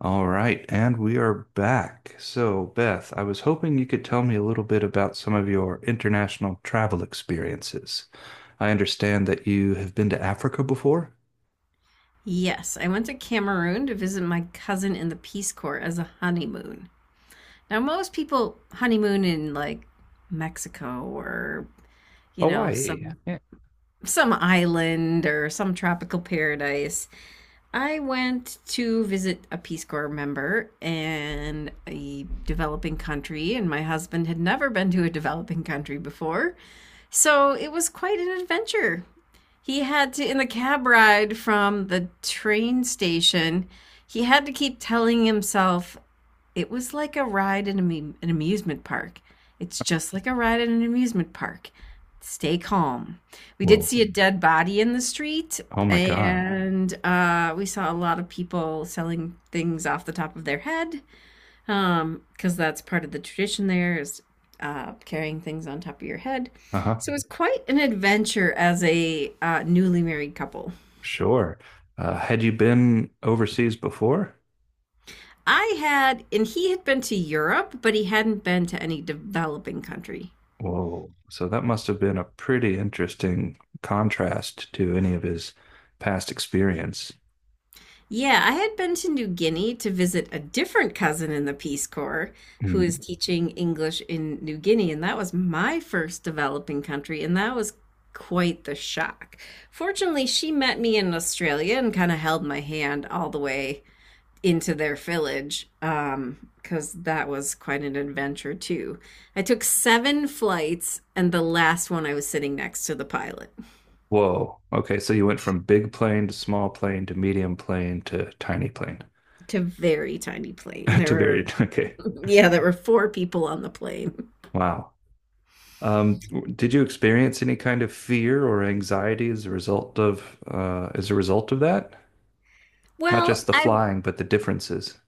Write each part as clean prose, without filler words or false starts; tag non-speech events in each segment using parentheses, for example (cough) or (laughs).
All right, and we are back. So, Beth, I was hoping you could tell me a little bit about some of your international travel experiences. I understand that you have been to Africa before? Yes, I went to Cameroon to visit my cousin in the Peace Corps as a honeymoon. Now, most people honeymoon in like Mexico or, Hawaii. some Yeah. Island or some tropical paradise. I went to visit a Peace Corps member in a developing country, and my husband had never been to a developing country before. So it was quite an adventure. He had to, in the cab ride from the train station, he had to keep telling himself it was like a ride in an amusement park. It's just like a ride in an amusement park. Stay calm. We did Whoa. see a dead body in the street, Oh my God. and we saw a lot of people selling things off the top of their head because that's part of the tradition there is carrying things on top of your head, Uh-huh. so it was quite an adventure as a newly married couple. Sure. Had you been overseas before? I had, and he had been to Europe, but he hadn't been to any developing country. Whoa. So that must have been a pretty interesting contrast to any of his past experience. Yeah, I had been to New Guinea to visit a different cousin in the Peace Corps who Mm-hmm. is teaching English in New Guinea, and that was my first developing country, and that was quite the shock. Fortunately, she met me in Australia and kind of held my hand all the way into their village, because that was quite an adventure too. I took 7 flights, and the last one I was sitting next to the pilot. Whoa. Okay, so you went from big plane to small plane to medium plane to tiny plane It's a very tiny plane. (laughs) To very okay. (laughs) yeah, there were 4 people on the plane. Wow. Did you experience any kind of fear or anxiety as a result of, as a result of that? Not Well, just the I flying, but the differences.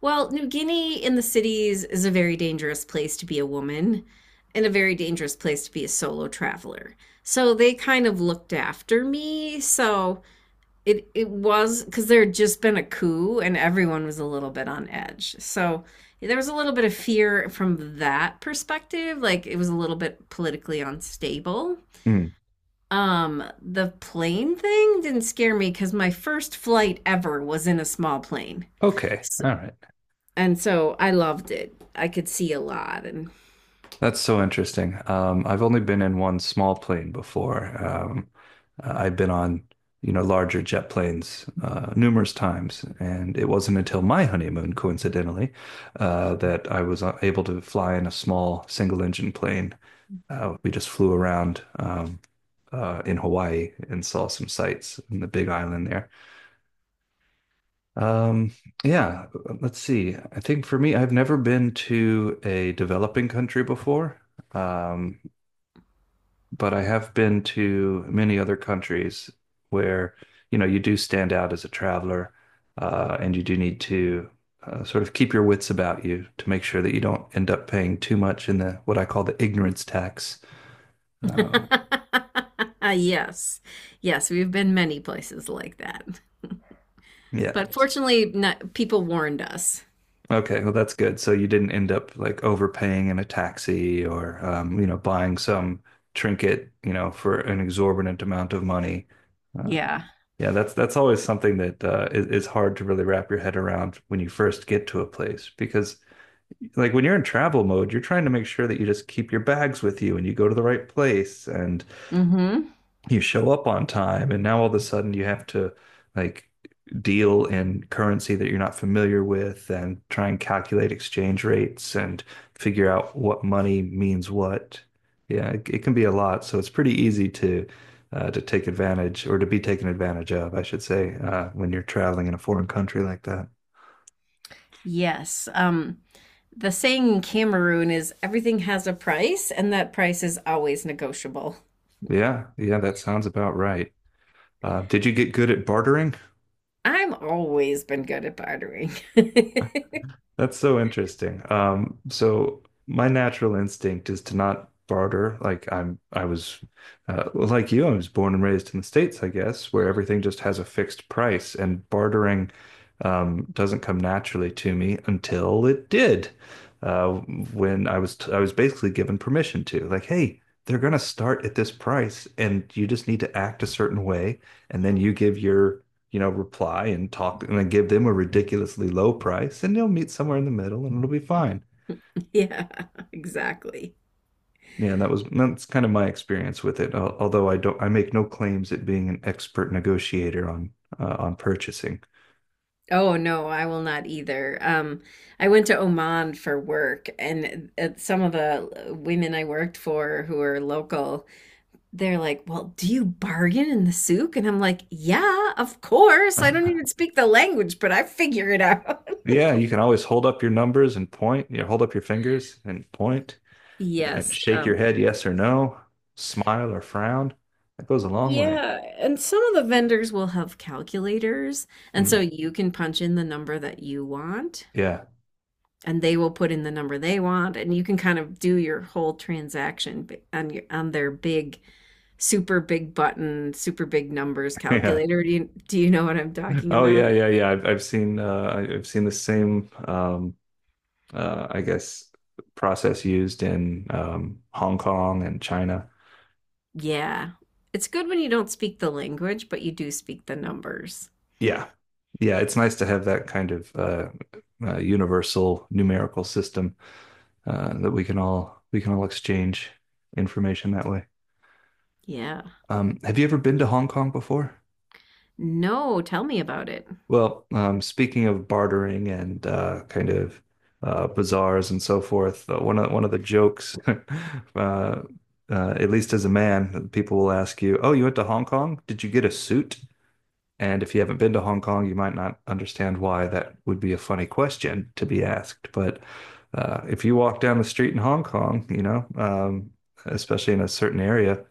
well, New Guinea in the cities is a very dangerous place to be a woman and a very dangerous place to be a solo traveler. So they kind of looked after me. So it was because there had just been a coup and everyone was a little bit on edge. So there was a little bit of fear from that perspective. Like, it was a little bit politically unstable. Hmm. The plane thing didn't scare me because my first flight ever was in a small plane. Okay. All right. And so I loved it. I could see a lot and That's so interesting. I've only been in one small plane before. I've been on, you know, larger jet planes numerous times, and it wasn't until my honeymoon, coincidentally, that I was able to fly in a small single-engine plane. We just flew around in Hawaii and saw some sights in the Big Island there. Um, yeah, let's see. I think for me, I've never been to a developing country before. Um, but I have been to many other countries where, you know, you do stand out as a traveler, and you do need to sort of keep your wits about you to make sure that you don't end up paying too much in the what I call the ignorance tax. Um, (laughs) yes. Yes, we've been many places like that. yeah. But fortunately, not, people warned us. Okay. Well, that's good. So you didn't end up like overpaying in a taxi or, you know, buying some trinket, you know, for an exorbitant amount of money. Uh, Yeah. Yeah, that's always something that is hard to really wrap your head around when you first get to a place because like when you're in travel mode, you're trying to make sure that you just keep your bags with you and you go to the right place and Hmm. you show up on time and now all of a sudden you have to like deal in currency that you're not familiar with and try and calculate exchange rates and figure out what money means what. Yeah, it can be a lot. So it's pretty easy to take advantage or to be taken advantage of, I should say, when you're traveling in a foreign country like that. Yes. The saying in Cameroon is everything has a price, and that price is always negotiable. Yeah, yeah, that sounds about right. Did you get good at bartering? I'm always been good at bartering. (laughs) That's so interesting. So my natural instinct is to not barter. Like, well, like you, I was born and raised in the States, I guess, where everything just has a fixed price, and bartering, doesn't come naturally to me until it did. Uh, when I was basically given permission to, like, hey, they're gonna start at this price, and you just need to act a certain way, and then you give your you know, reply and talk and then give them a ridiculously low price and they'll meet somewhere in the middle and it'll be fine. Yeah, exactly. Yeah, that's kind of my experience with it. Although I don't, I make no claims at being an expert negotiator on purchasing. (laughs) Oh no, I will not either. I went to Oman for work, and some of the women I worked for who are local, they're like, "Well, do you bargain in the souk?" And I'm like, "Yeah, of course. I don't Uh, even speak the language, but I figure it out." (laughs) yeah, you can always hold up your numbers and point. You know, hold up your fingers and point and Yes. shake your head yes or no, smile or frown. That goes a long way. yeah, and some of the vendors will have calculators, and so Mm, you can punch in the number that you want, yeah, and they will put in the number they want, and you can kind of do your whole transaction on your on their big, super big button, super big numbers (laughs) yeah. calculator. Do you know what I'm talking Oh yeah, about? yeah, yeah. I've seen I've seen the same I guess, process used in Hong Kong and China. Yeah. It's good when you don't speak the language, but you do speak the numbers. Yeah. Yeah, it's nice to have that kind of universal numerical system that we can all exchange information that way. Yeah. Have you ever been to Hong Kong before? No, tell me about it. Well, speaking of bartering and kind of bazaars and so forth, one of the jokes, (laughs) uh, uh, at least as a man, people will ask you, "Oh, you went to Hong Kong? Did you get a suit?" And if you haven't been to Hong Kong, you might not understand why that would be a funny question to be asked. But if you walk down the street in Hong Kong, you know, especially in a certain area,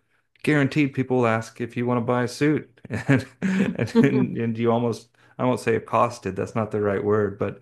guaranteed people will ask if you want to buy a suit. (laughs) And, and you almost, I won't say accosted, that's not the right word, but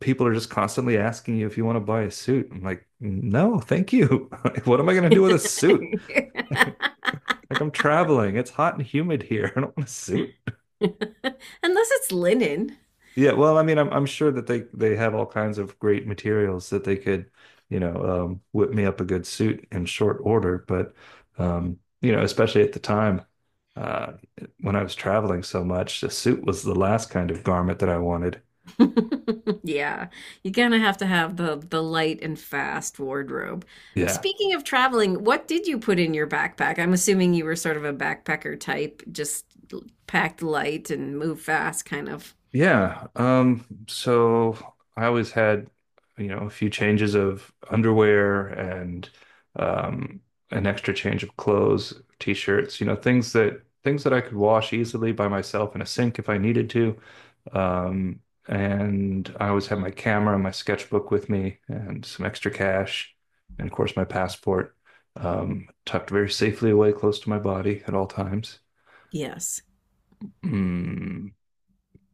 people are just constantly asking you if you want to buy a suit. I'm like, no, thank you. (laughs) What am I going to do with a suit? (laughs) Like, I'm traveling, it's hot and humid here. (laughs) I don't want a suit. (laughs) Unless it's linen. Yeah, well, I mean, I'm sure that they have all kinds of great materials that they could, you know, whip me up a good suit in short order. But, you know, especially at the time, uh, when I was traveling so much, a suit was the last kind of garment that I wanted. (laughs) Yeah, you kind of have to have the light and fast wardrobe. Yeah. Speaking of traveling, what did you put in your backpack? I'm assuming you were sort of a backpacker type, just packed light and move fast kind of. Yeah. So I always had, you know, a few changes of underwear and um an extra change of clothes, t-shirts, you know, things that I could wash easily by myself in a sink if I needed to. Um, and I always had my camera and my sketchbook with me and some extra cash and of course my passport tucked very safely away close to my body at all times. Yes. Hmm.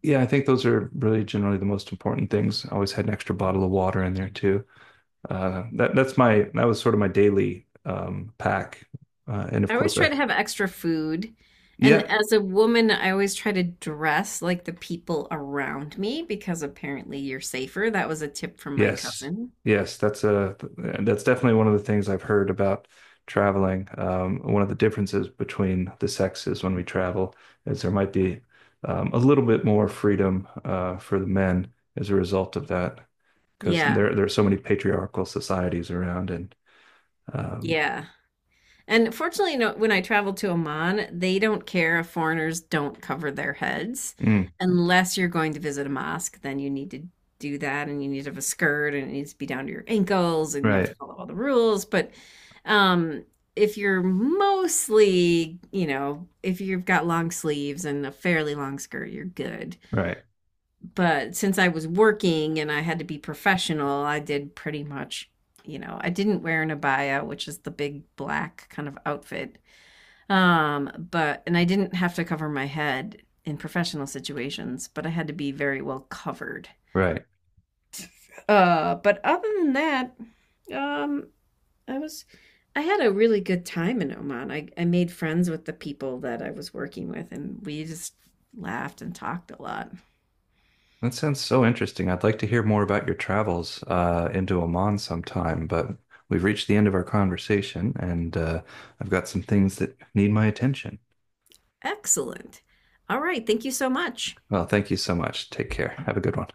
Yeah, I think those are really generally the most important things. I always had an extra bottle of water in there too. That's my, that was sort of my daily pack, and of I always course try I to have extra food. yeah, And as a woman, I always try to dress like the people around me because apparently you're safer. That was a tip from my yes, cousin. yes that's a that's definitely one of the things I've heard about traveling. One of the differences between the sexes when we travel is there might be a little bit more freedom for the men as a result of that because Yeah. there are so many patriarchal societies around and. Um, Yeah. And fortunately, no, when I travel to Oman, they don't care if foreigners don't cover their heads. mm, Unless you're going to visit a mosque, then you need to do that, and you need to have a skirt and it needs to be down to your ankles and you have to right, follow all the rules. But um, if you're mostly, you know, if you've got long sleeves and a fairly long skirt, you're good. right, But since I was working and I had to be professional, I did pretty much, you know, I didn't wear an abaya, which is the big black kind of outfit. But and I didn't have to cover my head in professional situations, but I had to be very well covered. right. But other than that, um, I was, I had a really good time in Oman. I made friends with the people that I was working with, and we just laughed and talked a lot. That sounds so interesting. I'd like to hear more about your travels into Oman sometime, but we've reached the end of our conversation, and I've got some things that need my attention. Excellent. All right, thank you so much. Well, thank you so much. Take care. Have a good one.